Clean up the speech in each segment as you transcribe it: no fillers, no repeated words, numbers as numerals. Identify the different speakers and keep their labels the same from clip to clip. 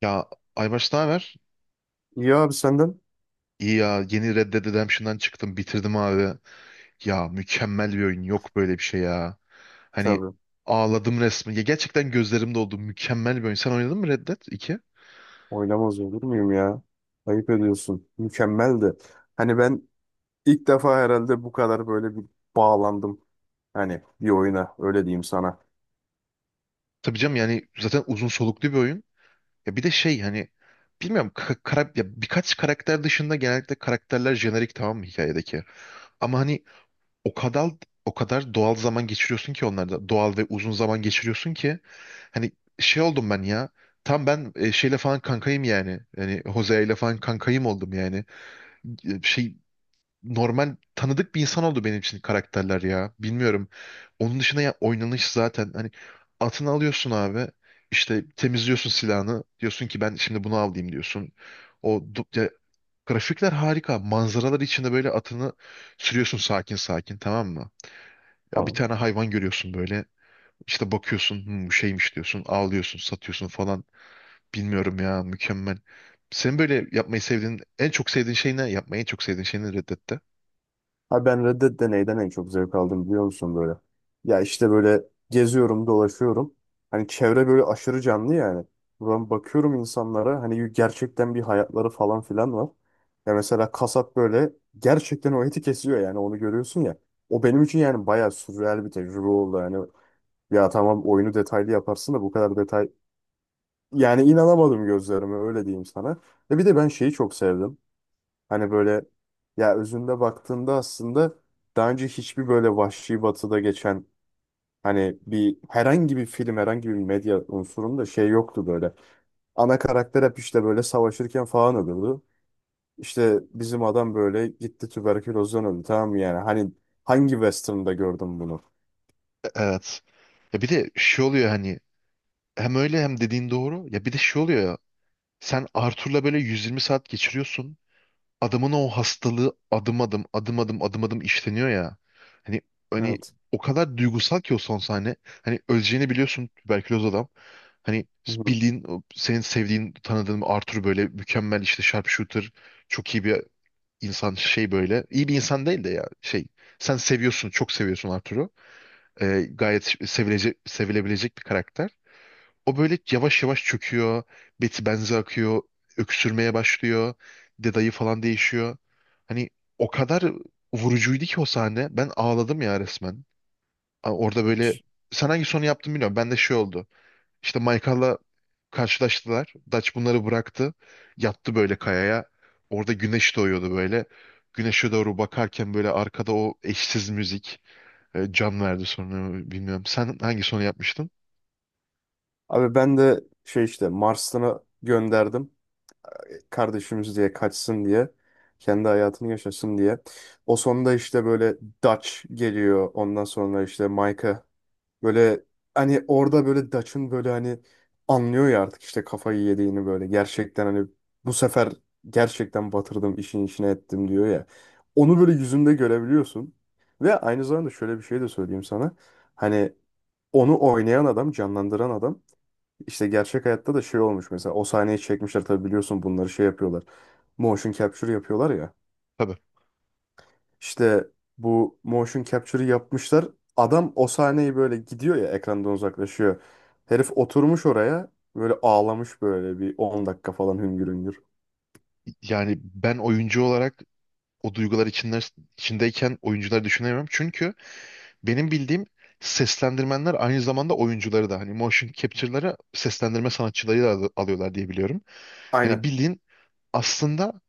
Speaker 1: Ya Aybaş ne haber?
Speaker 2: İyi abi senden.
Speaker 1: İyi ya yeni Red Dead Redemption'dan çıktım bitirdim abi. Ya mükemmel bir oyun yok böyle bir şey ya. Hani
Speaker 2: Tabii.
Speaker 1: ağladım resmen. Ya gerçekten gözlerim doldu. Mükemmel bir oyun. Sen oynadın mı Red Dead 2?
Speaker 2: Oynamaz olur muyum ya? Ayıp ediyorsun. Mükemmeldi. Hani ben ilk defa herhalde bu kadar böyle bir bağlandım. Hani bir oyuna öyle diyeyim sana.
Speaker 1: Tabii canım yani zaten uzun soluklu bir oyun. Ya bir de şey hani bilmiyorum ya birkaç karakter dışında genellikle karakterler jenerik tamam mı hikayedeki? Ama hani O kadar o kadar doğal zaman geçiriyorsun ki onlarda. Doğal ve uzun zaman geçiriyorsun ki hani şey oldum ben ya. Tam ben şeyle falan kankayım yani. Yani Jose ile falan kankayım oldum yani. Şey normal tanıdık bir insan oldu benim için karakterler ya. Bilmiyorum. Onun dışında ya oynanış zaten hani atını alıyorsun abi. İşte temizliyorsun silahını. Diyorsun ki ben şimdi bunu alayım diyorsun. Ya, grafikler harika. Manzaralar içinde böyle atını sürüyorsun sakin sakin tamam mı? Ya bir
Speaker 2: Tamam.
Speaker 1: tane hayvan görüyorsun böyle. İşte bakıyorsun "Hmm, bu şeymiş diyorsun. Ağlıyorsun, satıyorsun falan. Bilmiyorum ya mükemmel. Senin böyle yapmayı sevdiğin, en çok sevdiğin şey ne? Yapmayı en çok sevdiğin şey ne Red Dead'te?
Speaker 2: Abi ben Red Dead de en çok zevk aldım biliyor musun böyle? Ya işte böyle geziyorum, dolaşıyorum. Hani çevre böyle aşırı canlı yani. Buradan bakıyorum insanlara hani gerçekten bir hayatları falan filan var. Ya mesela kasap böyle gerçekten o eti kesiyor yani onu görüyorsun ya. O benim için yani bayağı sürreal bir tecrübe oldu. Yani ya tamam oyunu detaylı yaparsın da bu kadar detay... Yani inanamadım gözlerime öyle diyeyim sana. Ve bir de ben şeyi çok sevdim. Hani böyle ya özünde baktığında aslında daha önce hiçbir böyle Vahşi Batı'da geçen hani bir herhangi bir film herhangi bir medya unsurunda şey yoktu böyle. Ana karakter hep işte böyle savaşırken falan ölüyordu. İşte bizim adam böyle gitti tüberkülozdan öldü tamam mı yani hani hangi western'da gördüm bunu?
Speaker 1: Evet. Ya bir de şey oluyor hani hem öyle hem dediğin doğru. Ya bir de şey oluyor ya. Sen Arthur'la böyle 120 saat geçiriyorsun. Adamın o hastalığı adım adım adım adım adım adım işleniyor ya. Hani hani
Speaker 2: Evet.
Speaker 1: o kadar duygusal ki o son sahne. Hani öleceğini biliyorsun tüberküloz adam. Hani
Speaker 2: Hı hı.
Speaker 1: bildiğin o senin sevdiğin tanıdığın Arthur böyle mükemmel işte sharpshooter çok iyi bir insan şey böyle. İyi bir insan değil de ya şey. Sen seviyorsun, çok seviyorsun Arthur'u. Gayet sevilecek, sevilebilecek bir karakter. O böyle yavaş yavaş çöküyor. Beti benzi akıyor. Öksürmeye başlıyor. Dedayı falan değişiyor. Hani o kadar vurucuydu ki o sahne. Ben ağladım ya resmen. Orada böyle sen hangi sonu yaptın bilmiyorum. Ben de şey oldu. İşte Michael'la karşılaştılar. Dutch bunları bıraktı. Yattı böyle kayaya. Orada güneş doğuyordu böyle. Güneşe doğru bakarken böyle arkada o eşsiz müzik can verdi sonra bilmiyorum. Sen hangi sonu yapmıştın?
Speaker 2: Abi ben de şey işte Mars'ını gönderdim. Kardeşimiz diye kaçsın diye kendi hayatını yaşasın diye. O sonunda işte böyle Dutch geliyor. Ondan sonra işte Micah böyle hani orada böyle Dutch'ın böyle hani anlıyor ya artık işte kafayı yediğini böyle gerçekten hani bu sefer gerçekten batırdım işin içine ettim diyor ya. Onu böyle yüzünde görebiliyorsun. Ve aynı zamanda şöyle bir şey de söyleyeyim sana. Hani onu oynayan adam, canlandıran adam işte gerçek hayatta da şey olmuş mesela o sahneyi çekmişler tabii biliyorsun bunları şey yapıyorlar. Motion capture yapıyorlar ya.
Speaker 1: Tabii.
Speaker 2: İşte bu motion capture'ı yapmışlar. Adam o sahneyi böyle gidiyor ya ekrandan uzaklaşıyor. Herif oturmuş oraya böyle ağlamış böyle bir 10 dakika falan hüngür hüngür.
Speaker 1: Yani ben oyuncu olarak o duygular içinde, içindeyken oyuncuları düşünemiyorum. Çünkü benim bildiğim seslendirmenler aynı zamanda oyuncuları da hani motion capture'ları seslendirme sanatçıları da alıyorlar diye biliyorum.
Speaker 2: Aynen.
Speaker 1: Hani bildiğin aslında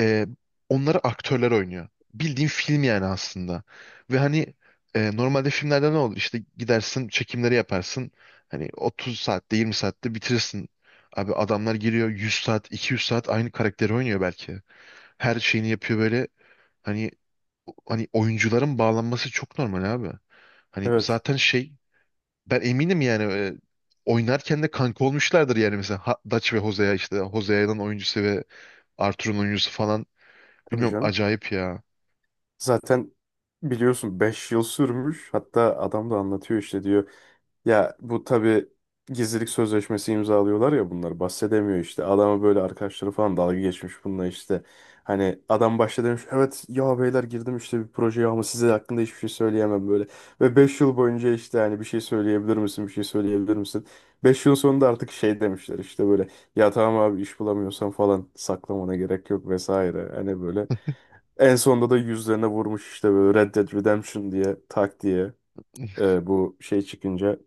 Speaker 1: e, onları aktörler oynuyor. Bildiğin film yani aslında. Ve hani normalde filmlerde ne olur? İşte gidersin çekimleri yaparsın. Hani 30 saatte 20 saatte bitirirsin. Abi adamlar giriyor 100 saat 200 saat aynı karakteri oynuyor belki. Her şeyini yapıyor böyle. Hani hani oyuncuların bağlanması çok normal abi. Hani
Speaker 2: Evet.
Speaker 1: zaten şey ben eminim yani oynarken de kanka olmuşlardır yani mesela Dutch ve Hosea işte Hosea'nın oyuncusu ve Arthur'un oyuncusu falan
Speaker 2: Tabii
Speaker 1: bilmiyorum
Speaker 2: canım.
Speaker 1: acayip ya.
Speaker 2: Zaten biliyorsun 5 yıl sürmüş. Hatta adam da anlatıyor işte diyor. Ya bu tabii gizlilik sözleşmesi imzalıyorlar ya bunlar bahsedemiyor işte. Adama böyle arkadaşları falan dalga geçmiş bununla işte. Hani adam başta demiş evet ya beyler girdim işte bir projeye ama size hakkında hiçbir şey söyleyemem böyle. Ve 5 yıl boyunca işte hani bir şey söyleyebilir misin bir şey söyleyebilir misin? 5 yıl sonunda artık şey demişler işte böyle ya tamam abi iş bulamıyorsan falan saklamana gerek yok vesaire. Hani böyle en sonunda da yüzlerine vurmuş işte böyle Red Dead Redemption diye tak diye. Bu şey çıkınca.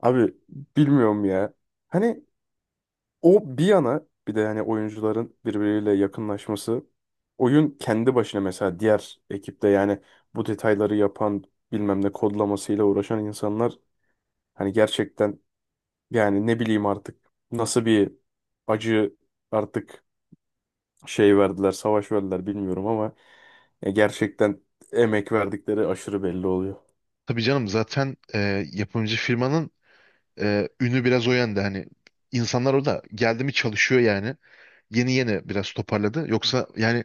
Speaker 2: Abi bilmiyorum ya. Hani o bir yana bir de hani oyuncuların birbiriyle yakınlaşması. Oyun kendi başına mesela diğer ekipte yani bu detayları yapan bilmem ne kodlamasıyla uğraşan insanlar hani gerçekten yani ne bileyim artık nasıl bir acı artık şey verdiler savaş verdiler bilmiyorum ama ya gerçekten emek verdikleri aşırı belli oluyor.
Speaker 1: Tabii canım zaten yapımcı firmanın ünü biraz o yönde hani insanlar orada geldi mi çalışıyor yani yeni yeni biraz toparladı yoksa yani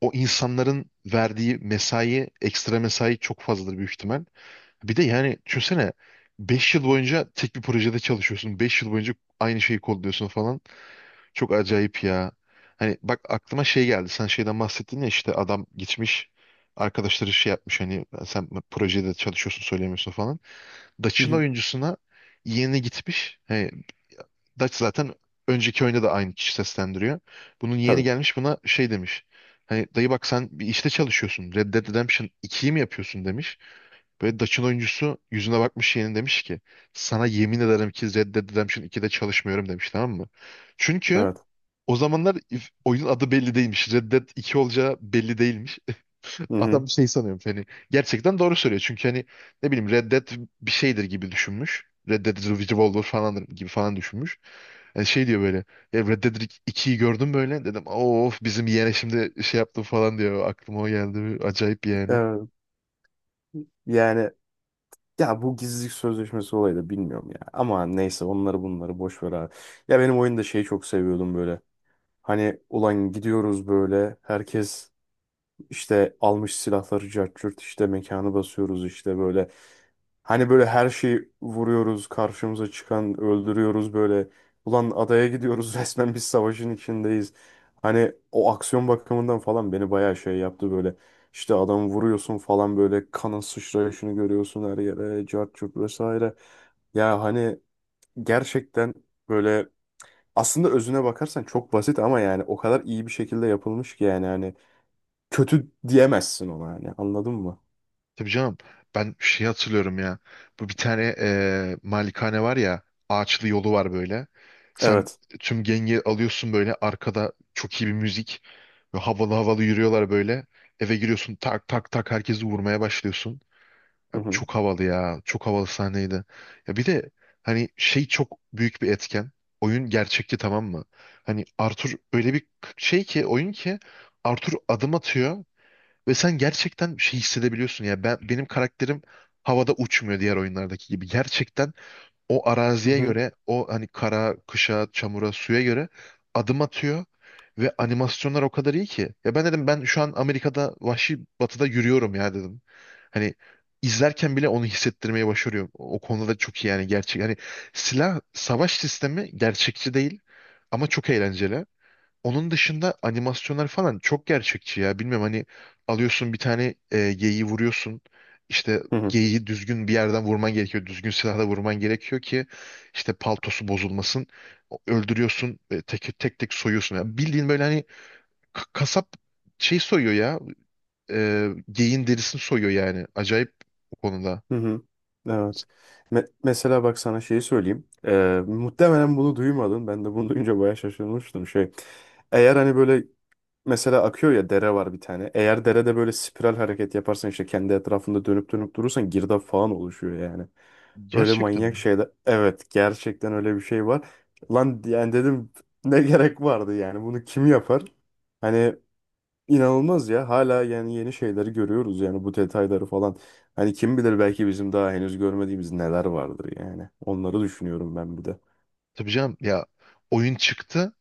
Speaker 1: o insanların verdiği mesai ekstra mesai çok fazladır büyük ihtimal. Bir de yani düşünsene 5 yıl boyunca tek bir projede çalışıyorsun. 5 yıl boyunca aynı şeyi kodluyorsun falan. Çok acayip ya. Hani bak aklıma şey geldi. Sen şeyden bahsettin ya işte adam gitmiş arkadaşları şey yapmış hani sen projede çalışıyorsun söylemiyorsun falan.
Speaker 2: Hı
Speaker 1: Dutch'ın
Speaker 2: hı.
Speaker 1: oyuncusuna yeğeni gitmiş. Hani Dutch zaten önceki oyunda da aynı kişi seslendiriyor. Bunun yeğeni
Speaker 2: Tabii.
Speaker 1: gelmiş buna şey demiş. Hani dayı bak sen bir işte çalışıyorsun. Red Dead Redemption 2'yi mi yapıyorsun demiş. Böyle Dutch'ın oyuncusu yüzüne bakmış yeğenin demiş ki sana yemin ederim ki Red Dead Redemption 2'de çalışmıyorum demiş tamam mı? Çünkü
Speaker 2: Evet.
Speaker 1: o zamanlar oyunun adı belli değilmiş. Red Dead 2 olacağı belli değilmiş.
Speaker 2: Hı hı.
Speaker 1: Adam şey sanıyormuş hani gerçekten doğru söylüyor. Çünkü hani ne bileyim Red Dead bir şeydir gibi düşünmüş. Red Dead Revolver falan gibi falan düşünmüş. Yani şey diyor böyle "Ya Red Dead 2'yi gördüm böyle dedim of bizim yeğene şimdi şey yaptım falan diyor. Aklıma o geldi acayip yani.
Speaker 2: Evet. Yani ya bu gizlilik sözleşmesi olayı da bilmiyorum ya. Ama neyse onları bunları boş ver abi. Ya benim oyunda şeyi çok seviyordum böyle. Hani ulan gidiyoruz böyle herkes işte almış silahları cart curt, işte mekanı basıyoruz işte böyle. Hani böyle her şeyi vuruyoruz karşımıza çıkan öldürüyoruz böyle. Ulan adaya gidiyoruz resmen biz savaşın içindeyiz. Hani o aksiyon bakımından falan beni bayağı şey yaptı böyle. İşte adamı vuruyorsun falan böyle kanın sıçrayışını görüyorsun her yere cart curt vesaire. Ya hani gerçekten böyle aslında özüne bakarsan çok basit ama yani o kadar iyi bir şekilde yapılmış ki yani hani kötü diyemezsin ona yani anladın mı?
Speaker 1: Tabii canım. Ben şey hatırlıyorum ya. Bu bir tane malikane var ya. Ağaçlı yolu var böyle. Sen
Speaker 2: Evet.
Speaker 1: tüm gengi alıyorsun böyle. Arkada çok iyi bir müzik. Ve havalı havalı yürüyorlar böyle. Eve giriyorsun tak tak tak herkesi vurmaya başlıyorsun.
Speaker 2: Hı
Speaker 1: Ya
Speaker 2: hı.
Speaker 1: çok havalı ya. Çok havalı sahneydi. Ya bir de hani şey çok büyük bir etken. Oyun gerçekti tamam mı? Hani Arthur öyle bir şey ki oyun ki Arthur adım atıyor. Ve sen gerçekten şey hissedebiliyorsun ya ben benim karakterim havada uçmuyor diğer oyunlardaki gibi. Gerçekten o
Speaker 2: Hı
Speaker 1: araziye
Speaker 2: hı.
Speaker 1: göre o hani kara, kışa, çamura, suya göre adım atıyor ve animasyonlar o kadar iyi ki. Ya ben dedim ben şu an Amerika'da vahşi batıda yürüyorum ya dedim. Hani izlerken bile onu hissettirmeye başarıyor. O konuda da çok iyi yani gerçek. Hani silah savaş sistemi gerçekçi değil ama çok eğlenceli. Onun dışında animasyonlar falan çok gerçekçi ya. Bilmiyorum hani alıyorsun bir tane geyiği vuruyorsun. İşte
Speaker 2: Hı hı.
Speaker 1: geyiği düzgün bir yerden vurman gerekiyor. Düzgün silahla vurman gerekiyor ki işte paltosu bozulmasın. Öldürüyorsun tek tek tek soyuyorsun. Ya bildiğin böyle hani kasap şey soyuyor ya. Geyiğin derisini soyuyor yani. Acayip o konuda.
Speaker 2: Hı hı. Evet.
Speaker 1: S-
Speaker 2: Mesela bak sana şeyi söyleyeyim. Muhtemelen bunu duymadın. Ben de bunu duyunca bayağı şaşırmıştım şey. Eğer hani böyle mesela akıyor ya dere var bir tane. Eğer derede böyle spiral hareket yaparsan işte kendi etrafında dönüp dönüp durursan girdap falan oluşuyor yani. Öyle
Speaker 1: Gerçekten
Speaker 2: manyak
Speaker 1: mi?
Speaker 2: şeyler. Evet gerçekten öyle bir şey var. Lan yani dedim ne gerek vardı yani bunu kim yapar? Hani İnanılmaz ya. Hala yani yeni şeyleri görüyoruz yani bu detayları falan. Hani kim bilir belki bizim daha henüz görmediğimiz neler vardır yani. Onları düşünüyorum ben bir de.
Speaker 1: Tabii canım ya oyun çıktı.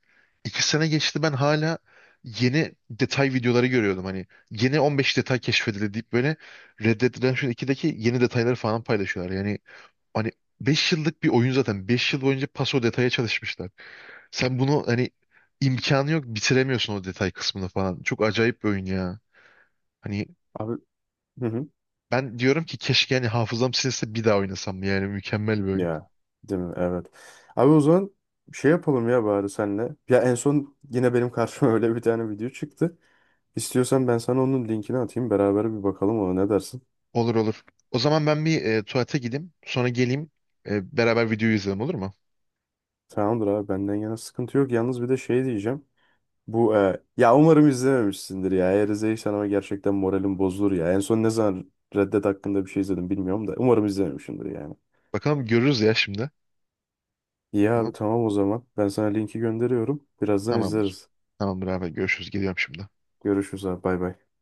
Speaker 1: 2 sene geçti ben hala yeni detay videoları görüyordum. Hani yeni 15 detay keşfedildi deyip böyle Red Dead Redemption 2'deki yeni detayları falan paylaşıyorlar. Yani hani 5 yıllık bir oyun zaten. 5 yıl boyunca paso detaya çalışmışlar. Sen bunu hani imkanı yok bitiremiyorsun o detay kısmını falan. Çok acayip bir oyun ya. Hani
Speaker 2: Abi, hı hı.
Speaker 1: ben diyorum ki keşke hani hafızam silinse bir daha oynasam. Yani mükemmel bir oyun.
Speaker 2: Ya değil mi? Evet. Abi o zaman şey yapalım ya bari senle. Ya en son yine benim karşıma öyle bir tane video çıktı. İstiyorsan ben sana onun linkini atayım. Beraber bir bakalım ona ne dersin?
Speaker 1: Olur olur. O zaman ben bir tuvalete gideyim. Sonra geleyim. Beraber videoyu izleyelim olur mu?
Speaker 2: Tamamdır abi benden yana sıkıntı yok. Yalnız bir de şey diyeceğim. Bu ya umarım izlememişsindir ya. Eğer izleyirsen ama gerçekten moralim bozulur ya. En son ne zaman Red hakkında bir şey izledim bilmiyorum da. Umarım izlememişsindir yani.
Speaker 1: Bakalım görürüz ya şimdi.
Speaker 2: İyi abi
Speaker 1: Tamam.
Speaker 2: tamam o zaman. Ben sana linki gönderiyorum. Birazdan
Speaker 1: Tamamdır.
Speaker 2: izleriz.
Speaker 1: Tamamdır abi. Görüşürüz. Geliyorum şimdi.
Speaker 2: Görüşürüz abi bay bay.